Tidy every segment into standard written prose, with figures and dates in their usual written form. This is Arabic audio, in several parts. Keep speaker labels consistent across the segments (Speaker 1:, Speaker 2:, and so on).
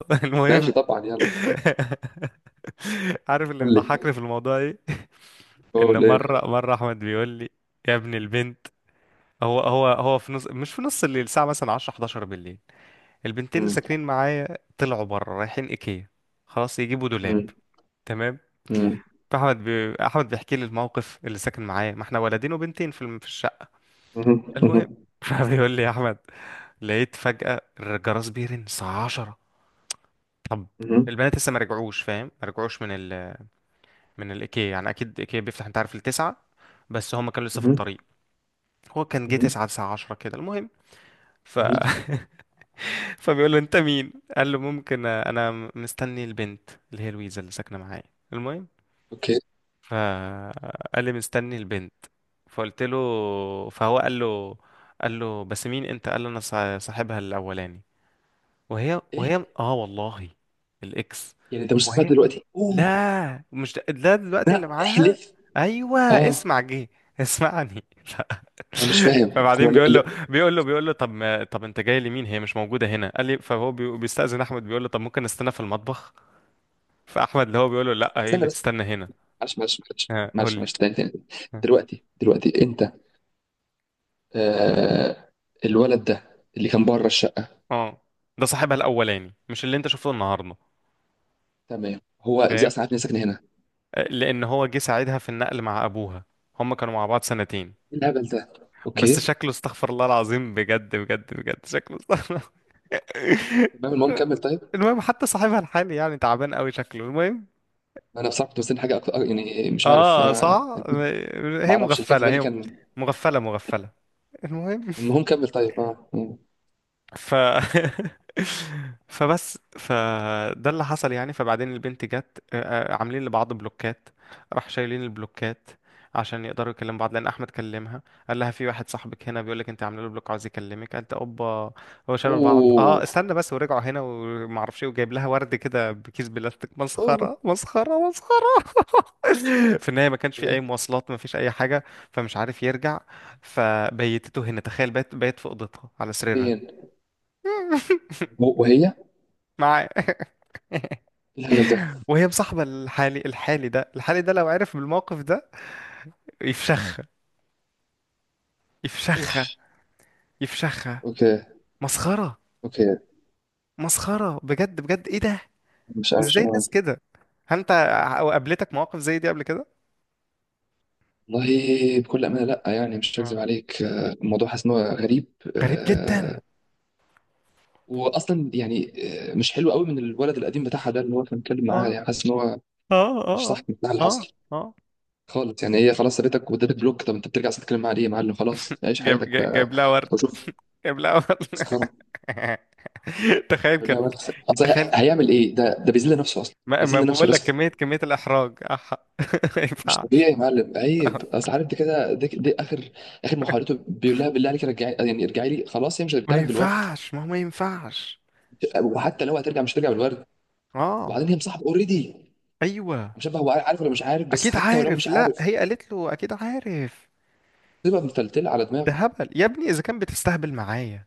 Speaker 1: المهم.
Speaker 2: ماشي طبعا، يلا
Speaker 1: عارف اللي
Speaker 2: قول لي.
Speaker 1: بيضحكني في الموضوع ايه؟ ان
Speaker 2: قول
Speaker 1: مره
Speaker 2: ايه؟
Speaker 1: مره احمد بيقول لي: يا ابن البنت، هو في نص، مش في نص الليل، الساعه مثلا 10، 11 بالليل، البنتين اللي
Speaker 2: مم.
Speaker 1: ساكنين معايا طلعوا بره رايحين ايكيا. خلاص، يجيبوا دولاب،
Speaker 2: مم.
Speaker 1: تمام.
Speaker 2: مم.
Speaker 1: احمد بيحكي لي الموقف، اللي ساكن معايا، ما احنا ولدين وبنتين في الشقه.
Speaker 2: مهم.
Speaker 1: المهم،
Speaker 2: مهم.
Speaker 1: فبيقول لي: يا احمد، لقيت فجاه الجرس بيرن الساعه 10. طب
Speaker 2: مهم.
Speaker 1: البنات لسه ما رجعوش، فاهم؟ ما رجعوش من الايكيا يعني، اكيد ايكيا بيفتح، انت عارف، التسعة، بس هم كانوا لسه في
Speaker 2: مهم.
Speaker 1: الطريق. هو كان جه
Speaker 2: مهم.
Speaker 1: تسعة، تسعة عشرة كده. المهم، ف
Speaker 2: مهم.
Speaker 1: فبيقول له: انت مين؟ قال له: ممكن، انا مستني البنت اللي هي لويزا اللي ساكنه معايا. المهم،
Speaker 2: اوكي.
Speaker 1: فقال لي: مستني البنت. فقلت له، فهو قال له، قال له: بس مين انت؟ قال له: انا صاحبها الاولاني. وهي
Speaker 2: ايه
Speaker 1: اه والله، الاكس.
Speaker 2: يعني، انت مش سامع دلوقتي؟ اوه،
Speaker 1: لا مش ده، ده دلوقتي اللي
Speaker 2: لا
Speaker 1: معاها.
Speaker 2: احلف.
Speaker 1: ايوه
Speaker 2: اه،
Speaker 1: اسمع، جه. اسمعني.
Speaker 2: انا مش فاهم هو
Speaker 1: فبعدين بيقول له، بيقول له: طب ما، طب انت جاي لمين؟ هي مش موجوده هنا. قال لي فهو بيستأذن احمد، بيقول له: طب ممكن نستنى في المطبخ؟ فاحمد اللي هو بيقول له: لا، ايه
Speaker 2: استنى
Speaker 1: اللي
Speaker 2: بس.
Speaker 1: تستنى هنا؟
Speaker 2: معلش معلش معلش
Speaker 1: ها، قول
Speaker 2: معلش
Speaker 1: لي.
Speaker 2: معلش، تاني تاني.
Speaker 1: ها.
Speaker 2: دلوقتي انت، آه، الولد ده اللي كان بره الشقه؟
Speaker 1: اه، ده صاحبها الاولاني، مش اللي انت شفته النهارده،
Speaker 2: تمام، هو ازاي
Speaker 1: فاهم؟
Speaker 2: اصلا عارف اني ساكن هنا؟
Speaker 1: آه، لان هو جه ساعدها في النقل مع ابوها، هم كانوا مع بعض سنتين.
Speaker 2: ايه الهبل ده؟
Speaker 1: بس
Speaker 2: اوكي.
Speaker 1: شكله استغفر الله العظيم، بجد بجد بجد، شكله استغفر.
Speaker 2: تمام، المهم كمل طيب.
Speaker 1: المهم، حتى صاحبها الحالي يعني تعبان قوي شكله. المهم،
Speaker 2: انا بصراحه كنت مستني حاجه اكتر، يعني مش عارف
Speaker 1: اه
Speaker 2: انا.
Speaker 1: صح،
Speaker 2: ما
Speaker 1: هي
Speaker 2: اعرفش اللي كان في
Speaker 1: مغفلة
Speaker 2: بالي
Speaker 1: هي،
Speaker 2: كان.
Speaker 1: مغفلة مغفلة. المهم،
Speaker 2: المهم كمل طيب. اه. مم.
Speaker 1: ف فده اللي حصل يعني. فبعدين البنت جت، آه، آه، عاملين لبعض بلوكات، راح شايلين البلوكات عشان يقدروا يكلموا بعض، لان احمد كلمها. قال لها: في واحد صاحبك هنا بيقول لك انت عامله له بلوك، عاوز يكلمك. قالت: اوبا. هو شالوا بعض، اه
Speaker 2: اوه.
Speaker 1: استنى بس، ورجعوا هنا وما اعرفش ايه، وجايب لها ورد كده بكيس بلاستيك،
Speaker 2: اوه.
Speaker 1: مسخره مسخره مسخره. في النهايه ما كانش في
Speaker 2: إيه؟
Speaker 1: اي مواصلات، ما فيش اي حاجه، فمش عارف يرجع. فبيتته هنا، تخيل، بيت بيت في اوضتها على سريرها.
Speaker 2: فين؟ وهي إيه؟
Speaker 1: معاه.
Speaker 2: الهبل ده.
Speaker 1: وهي مصاحبة الحالي، الحالي ده، الحالي ده لو عرف بالموقف ده يفشخها، يفشخها،
Speaker 2: اوف.
Speaker 1: يفشخها.
Speaker 2: اوكي.
Speaker 1: مسخرة،
Speaker 2: اوكي.
Speaker 1: مسخرة بجد بجد، ايه ده؟
Speaker 2: مش عارف
Speaker 1: ازاي
Speaker 2: شو.
Speaker 1: الناس كده؟ هل انت قابلتك مواقف زي دي قبل كده؟
Speaker 2: والله بكل امانه لا، يعني مش هكذب
Speaker 1: آه.
Speaker 2: عليك. آه، الموضوع حاسس ان هو غريب.
Speaker 1: غريب جدا.
Speaker 2: آه، واصلا يعني، آه، مش حلو قوي من الولد القديم بتاعها ده اللي هو كان بيتكلم معاها.
Speaker 1: اه
Speaker 2: يعني حاسس ان هو
Speaker 1: اه
Speaker 2: مش
Speaker 1: اه،
Speaker 2: صح بتاع اللي
Speaker 1: اه اه
Speaker 2: حصل
Speaker 1: اه.
Speaker 2: خالص. يعني هي خلاص سابتك وادتك بلوك، طب انت بترجع تتكلم معاها ليه يا معلم؟ خلاص عيش
Speaker 1: جاب
Speaker 2: حياتك
Speaker 1: جاب
Speaker 2: بقى
Speaker 1: جاب لها ورد،
Speaker 2: وشوف.
Speaker 1: جاب لها ورد.
Speaker 2: مسخره.
Speaker 1: تخيل كده،
Speaker 2: لا بس اصل
Speaker 1: تخيل.
Speaker 2: هيعمل ايه ده؟ ده بيذل نفسه اصلا.
Speaker 1: ما
Speaker 2: بيذل نفسه
Speaker 1: بقول لك،
Speaker 2: رسم.
Speaker 1: كمية الإحراج ما
Speaker 2: مش
Speaker 1: ينفعش،
Speaker 2: طبيعي يا معلم، عيب. اصل عارف دي كده، دي اخر اخر محاولته، بيقول لها بالله عليك رجعي، يعني ارجعي لي. خلاص هي مش
Speaker 1: ما
Speaker 2: هترجع لك بالورد.
Speaker 1: ينفعش، ما هو ما ينفعش.
Speaker 2: وحتى لو هترجع مش هترجع بالورد.
Speaker 1: اه،
Speaker 2: وبعدين هي مصاحبه اوريدي.
Speaker 1: ايوه
Speaker 2: مش عارف هو عارف ولا مش عارف، بس
Speaker 1: اكيد
Speaker 2: حتى ولو
Speaker 1: عارف،
Speaker 2: مش
Speaker 1: لا
Speaker 2: عارف
Speaker 1: هي قالت له اكيد عارف.
Speaker 2: تبقى متلتله على
Speaker 1: ده
Speaker 2: دماغه.
Speaker 1: هبل يا ابني، اذا كان بتستهبل معايا،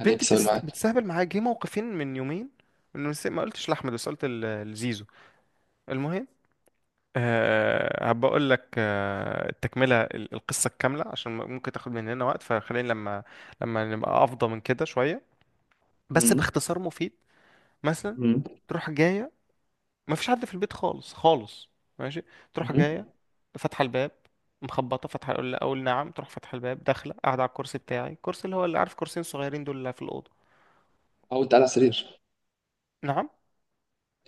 Speaker 2: يعني ايه بتسوي معاك؟
Speaker 1: بتستهبل معايا، جه موقفين من يومين. ما قلتش لاحمد، بس قلت لزيزو. المهم، أه هبقى اقول لك أه التكمله، القصه الكامله عشان ممكن تاخد مننا وقت، فخلينا لما، لما نبقى افضى من كده شويه. بس
Speaker 2: امم.
Speaker 1: باختصار مفيد: مثلا
Speaker 2: امم.
Speaker 1: تروح جايه، ما فيش حد في البيت خالص خالص، ماشي. تروح
Speaker 2: امم.
Speaker 1: جايه، فاتحه الباب، مخبطه فاتحه، اقول اقول نعم، تروح فاتحه الباب، داخله قاعده على الكرسي بتاعي، الكرسي اللي هو اللي عارف، كرسيين صغيرين دول اللي في الاوضه.
Speaker 2: او انت قاعد على السرير؟
Speaker 1: نعم.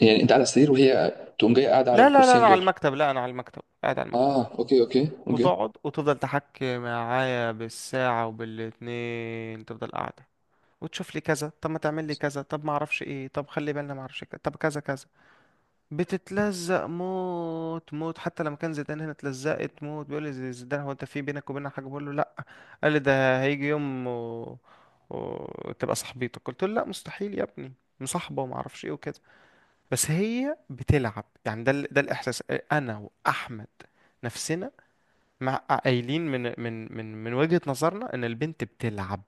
Speaker 2: يعني انت قاعد على السرير وهي تقوم جايه قاعده على
Speaker 1: لا انا
Speaker 2: الكرسيين
Speaker 1: على
Speaker 2: دول؟
Speaker 1: المكتب، لا انا على المكتب، قاعد على المكتب.
Speaker 2: اه اوكي اوكي اوكي.
Speaker 1: وتقعد وتفضل تحكي معايا بالساعه وبالاتنين، تفضل قاعده، وتشوف لي كذا، طب ما تعمل لي كذا، طب ما اعرفش ايه، طب خلي بالنا ما اعرفش كذا، طب كذا كذا. بتتلزق موت موت. حتى لما كان زيدان هنا اتلزقت موت، بيقول لي زيدان: هو انت في بينك وبيننا حاجه؟ بقول له: لا. قال لي: ده هيجي يوم وتبقى صاحبتك. قلت له: لا مستحيل يا ابني، مصاحبه وما اعرفش ايه وكده، بس هي بتلعب يعني. ده ده الاحساس. انا واحمد، نفسنا، مع قايلين من وجهه نظرنا ان البنت بتلعب.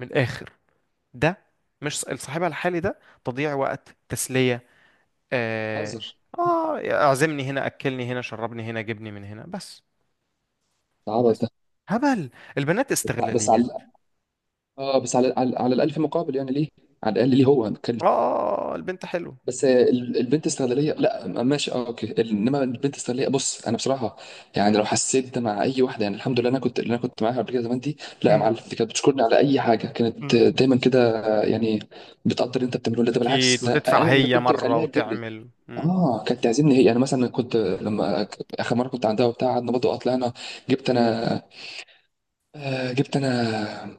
Speaker 1: من الاخر، ده مش صاحبها الحالي ده، تضييع وقت، تسليه. آه،
Speaker 2: بتهزر.
Speaker 1: آه، اعزمني هنا، أكلني هنا، شربني هنا، جبني من هنا، بس.
Speaker 2: ده عبط ده.
Speaker 1: بس. هبل. البنات
Speaker 2: بس على،
Speaker 1: استغلاليات.
Speaker 2: اه بس على على، على الألف مقابل، يعني ليه؟ على الأقل ليه هو نتكلم؟
Speaker 1: آه، آه، البنت حلوة.
Speaker 2: بس آه، البنت استغلالية، لا م- ماشي اه اوكي. انما البنت استغلالية، بص انا بصراحة، يعني لو حسيت ده مع اي واحدة، يعني الحمد لله انا كنت اللي انا كنت معاها قبل كده زمان دي. لا يا
Speaker 1: مم.
Speaker 2: معلم، دي كانت بتشكرني على اي حاجة كانت،
Speaker 1: مم.
Speaker 2: آه، دايما كده، آه، يعني بتقدر اللي انت بتعمله. لا ده
Speaker 1: أكيد،
Speaker 2: بالعكس، ده
Speaker 1: وتدفع
Speaker 2: انا اللي
Speaker 1: هي
Speaker 2: كنت
Speaker 1: مرة،
Speaker 2: بخليها تجيب لي.
Speaker 1: وتعمل مم.
Speaker 2: اه كانت تعزمني هي، يعني مثلا كنت لما اخر مرة كنت عندها وبتاع قعدنا برضه، طلعنا، جبت انا، آه، جبت انا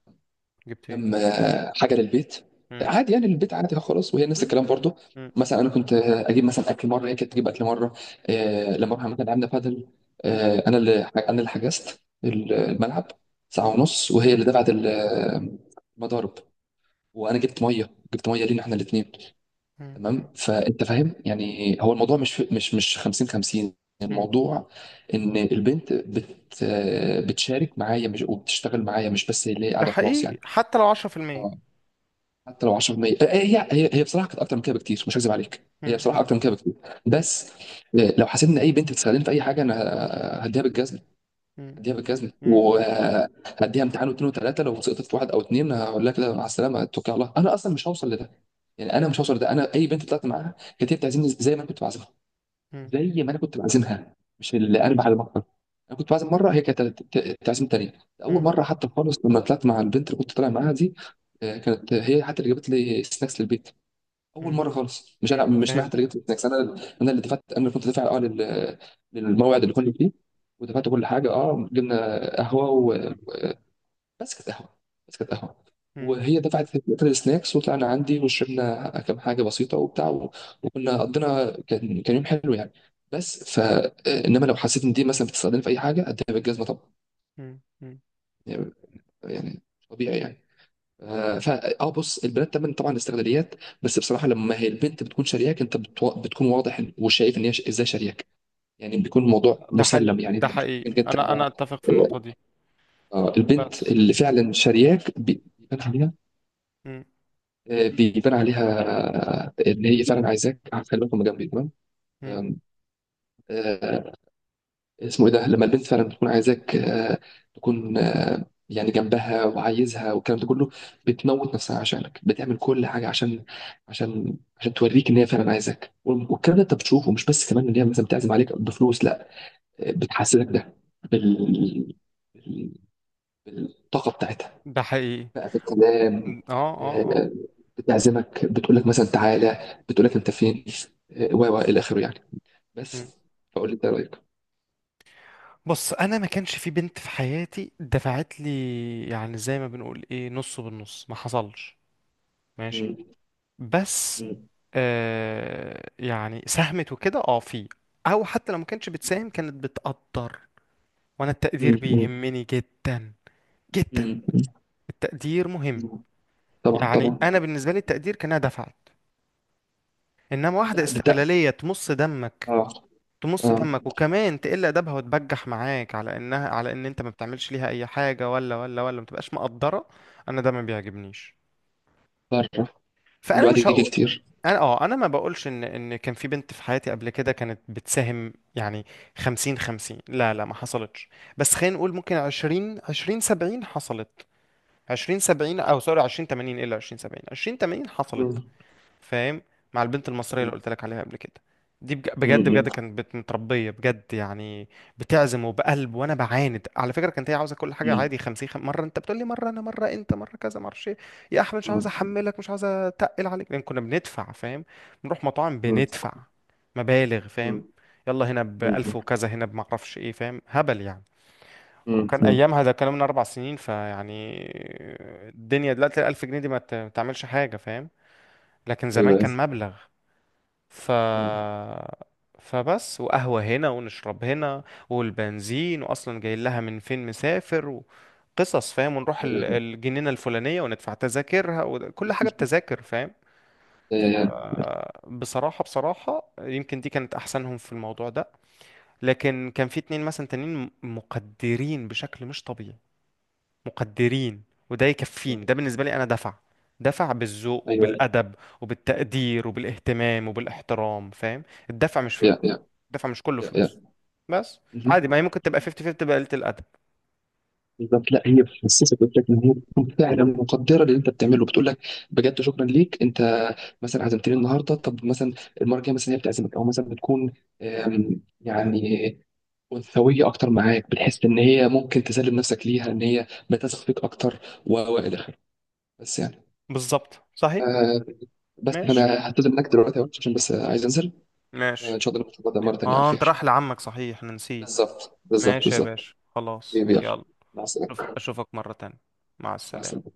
Speaker 1: جبت إيه؟
Speaker 2: كم، آه، حاجه للبيت
Speaker 1: مم.
Speaker 2: عادي، يعني البيت عادي خلاص. وهي نفس
Speaker 1: مم.
Speaker 2: الكلام برضو،
Speaker 1: مم.
Speaker 2: مثلا انا كنت، آه، اجيب مثلا اكل مره هي كانت تجيب اكل مره. آه، لما رحنا مثلا لعبنا بادل،
Speaker 1: مم.
Speaker 2: آه، انا اللي حجزت الملعب ساعه
Speaker 1: مم.
Speaker 2: ونص وهي
Speaker 1: مم.
Speaker 2: اللي دفعت المضارب. وانا جبت ميه، جبت ميه لينا احنا الاثنين.
Speaker 1: مم.
Speaker 2: تمام،
Speaker 1: مم.
Speaker 2: فانت فاهم يعني هو الموضوع مش 50 50.
Speaker 1: مم.
Speaker 2: الموضوع ان البنت بت، آه، بتشارك معايا، مش وبتشتغل معايا، مش بس هي اللي هي
Speaker 1: ده
Speaker 2: قاعده خلاص يعني.
Speaker 1: حقيقي، حتى لو 10%.
Speaker 2: حتى لو 10%، آه، هي بصراحه كانت اكتر من كده بكتير، مش هكذب عليك. هي
Speaker 1: مم.
Speaker 2: بصراحه اكتر من كده بكتير.
Speaker 1: مم.
Speaker 2: بس آه، لو حسيت ان اي بنت بتستخدمني في اي حاجه، انا آه، هديها بالجزمه.
Speaker 1: مم.
Speaker 2: هديها
Speaker 1: مم.
Speaker 2: بالجزمه
Speaker 1: مم.
Speaker 2: وهديها امتحان واثنين وثلاثه، لو سقطت في واحد او اثنين هقول لها كده مع السلامه اتوكل على الله. انا اصلا مش هوصل لده، يعني انا مش هوصل لده. انا اي بنت طلعت معاها كانت هي بتعزمني زي ما انا كنت بعزمها.
Speaker 1: مم.
Speaker 2: زي ما انا كنت بعزمها، مش اللي قلب على بطل. انا كنت بعزم مره هي كانت تعزم تانية. اول
Speaker 1: مم.
Speaker 2: مره حتى خالص لما طلعت مع البنت اللي كنت طالع معاها دي، آه، كانت هي حتى اللي جابت لي سناكس للبيت. اول
Speaker 1: مم.
Speaker 2: مره خالص، مش انا،
Speaker 1: مم.
Speaker 2: مش انا
Speaker 1: فهمت.
Speaker 2: حتى اللي جبت السناكس انا. انا اللي دفعت، انا اللي كنت دافع اه للموعد اللي كنا فيه. ودفعت كل حاجه، اه جبنا قهوه، بس كانت قهوه، بس كانت قهوه.
Speaker 1: مم.
Speaker 2: وهي دفعت لقيت السناكس وطلعنا عندي وشربنا كام حاجه بسيطه وبتاع وكنا قضينا، كان كان يوم حلو يعني. بس ف، انما لو حسيت ان دي مثلا بتستخدمني في اي حاجه اديها بالجزمه طبعا،
Speaker 1: مم. مم.
Speaker 2: يعني، يعني، طبيعي يعني. آه، فا اه بص البنات طبعا طبعا استغلاليات، بس بصراحه لما هي البنت بتكون شارياك انت بتكون واضح وشايف ان هي ازاي شارياك. يعني بيكون الموضوع
Speaker 1: ده
Speaker 2: مسلم،
Speaker 1: حقيقي،
Speaker 2: يعني
Speaker 1: ده
Speaker 2: انت مش محتاج انك
Speaker 1: حقيقي،
Speaker 2: انت،
Speaker 1: أنا أنا أتفق في النقطة دي.
Speaker 2: آه، البنت
Speaker 1: بس.
Speaker 2: اللي فعلا شارياك بيبان عليها.
Speaker 1: مم.
Speaker 2: آه، بيبان عليها. آه، ان هي فعلا عايزاك. آه، خلي بالك هما جنبي، تمام.
Speaker 1: مم.
Speaker 2: آم، آه، اسمه ايه ده لما البنت فعلا بتكون عايزاك، آه، تكون آه، يعني جنبها وعايزها والكلام ده كله. بتموت نفسها عشانك، بتعمل كل حاجه عشان عشان توريك ان هي فعلا عايزاك. والكلام ده انت بتشوفه مش بس كمان ان هي مثلا بتعزم عليك بفلوس، لا آه، بتحسسك ده بال بال- بالطاقه بتاعتها
Speaker 1: ده حقيقي.
Speaker 2: بقى في الكلام.
Speaker 1: إمم. اه، اه اه.
Speaker 2: آه، بتعزمك بتقول لك مثلا تعالى، بتقول لك انت فين، آه، و الى اخره يعني.
Speaker 1: مم.
Speaker 2: بس فقول لي انت رايك.
Speaker 1: بص، انا ما كانش في بنت في حياتي دفعت لي، يعني زي ما بنقول ايه، نص بالنص، ما حصلش. ماشي.
Speaker 2: مم.
Speaker 1: بس،
Speaker 2: مم.
Speaker 1: آه يعني ساهمت وكده، اه في، او حتى لو ما كانتش بتساهم، كانت بتقدر، وانا التقدير
Speaker 2: مم. مم.
Speaker 1: بيهمني جدا، جدا.
Speaker 2: مم.
Speaker 1: التقدير مهم.
Speaker 2: مم. طبعا
Speaker 1: يعني
Speaker 2: طبعا.
Speaker 1: انا بالنسبه لي التقدير كانها دفعت. انما واحده
Speaker 2: ده ده ده.
Speaker 1: استغلاليه تمص دمك،
Speaker 2: اه
Speaker 1: تمص
Speaker 2: اه.
Speaker 1: دمك وكمان تقل ادبها وتبجح معاك، على انها، على ان انت ما بتعملش ليها اي حاجه، ولا ما تبقاش مقدره، انا ده ما بيعجبنيش.
Speaker 2: بره.
Speaker 1: فانا
Speaker 2: والوقت
Speaker 1: مش
Speaker 2: يجي
Speaker 1: هقول.
Speaker 2: كتير.
Speaker 1: انا اه، انا ما بقولش ان كان في بنت في حياتي قبل كده كانت بتساهم يعني، 50 50. لا ما حصلتش. بس خلينا نقول ممكن 20 20 70 حصلت، 20 70، او سوري 20 80، الا 20 70، 20 80 حصلت،
Speaker 2: مم.
Speaker 1: فاهم؟ مع البنت المصرية اللي
Speaker 2: مم.
Speaker 1: قلت لك عليها قبل كده، دي بجد
Speaker 2: مم.
Speaker 1: بجد كانت متربية بجد يعني. بتعزم وبقلب، وانا بعاند على فكرة، كانت هي عاوزة كل حاجة
Speaker 2: مم.
Speaker 1: عادي 50، مرة انت بتقول لي، مرة انا، مرة انت، مرة كذا، مرة ايه. يا احمد مش عاوز
Speaker 2: مم.
Speaker 1: احملك، مش عاوز اتقل عليك، لان كنا بندفع، فاهم؟ بنروح مطاعم،
Speaker 2: مم.
Speaker 1: بندفع مبالغ،
Speaker 2: مم.
Speaker 1: فاهم؟ يلا هنا
Speaker 2: مم.
Speaker 1: بألف وكذا، هنا بمعرفش ايه، فاهم؟ هبل يعني.
Speaker 2: مم.
Speaker 1: وكان
Speaker 2: مم.
Speaker 1: ايامها، ده كان من 4 سنين، فيعني الدنيا دلوقتي الألف جنيه دي ما تعملش حاجة، فاهم؟ لكن زمان
Speaker 2: ايوه ايوه.
Speaker 1: كان مبلغ. ف
Speaker 2: مم.
Speaker 1: فبس، وقهوة هنا، ونشرب هنا، والبنزين، وأصلا جاي لها من فين، مسافر وقصص، فاهم؟ ونروح
Speaker 2: ايوه
Speaker 1: الجنينة الفلانية، وندفع تذاكرها، وكل حاجة بتذاكر، فاهم؟ بصراحة بصراحة يمكن دي كانت أحسنهم في الموضوع ده. لكن كان في اتنين مثلا تانيين مقدرين بشكل مش طبيعي، مقدرين. وده يكفيني، ده بالنسبة لي أنا دفع، دفع بالذوق
Speaker 2: ايوه.
Speaker 1: وبالأدب وبالتقدير وبالاهتمام وبالاحترام، فاهم؟ الدفع مش فلوس،
Speaker 2: ايوه
Speaker 1: دفع مش كله
Speaker 2: يا يا، يا
Speaker 1: فلوس،
Speaker 2: يا.
Speaker 1: بس.
Speaker 2: مهم.
Speaker 1: عادي، ما هي ممكن تبقى 50 50، تبقى قلة الأدب.
Speaker 2: بالظبط، لا هي بتحسسك، قلت لك ان هي بتكون فعلا مقدره للي انت بتعمله، بتقول لك بجد شكرا ليك انت. مثلا عزمتني النهارده، طب مثلا المره الجايه مثلا هي بتعزمك، او مثلا بتكون آم، يعني انثويه اكتر معاك. بتحس ان هي ممكن تسلم نفسك ليها، ان هي بتثق فيك اكتر و الى اخره. بس يعني،
Speaker 1: بالظبط صحيح.
Speaker 2: آه، بس فانا
Speaker 1: ماشي،
Speaker 2: هعتذر منك دلوقتي يا وحش عشان بس عايز انزل. آه، ان
Speaker 1: ماشي.
Speaker 2: شاء الله نتفق ده مره تانيه على
Speaker 1: اه انت
Speaker 2: خير.
Speaker 1: رايح لعمك، صحيح انا نسيت.
Speaker 2: بالظبط بالظبط
Speaker 1: ماشي يا
Speaker 2: بالظبط.
Speaker 1: باشا، خلاص
Speaker 2: يلا،
Speaker 1: يلا.
Speaker 2: مع السلامه.
Speaker 1: اشوفك مرة تانية. مع
Speaker 2: مع
Speaker 1: السلامة.
Speaker 2: السلامه.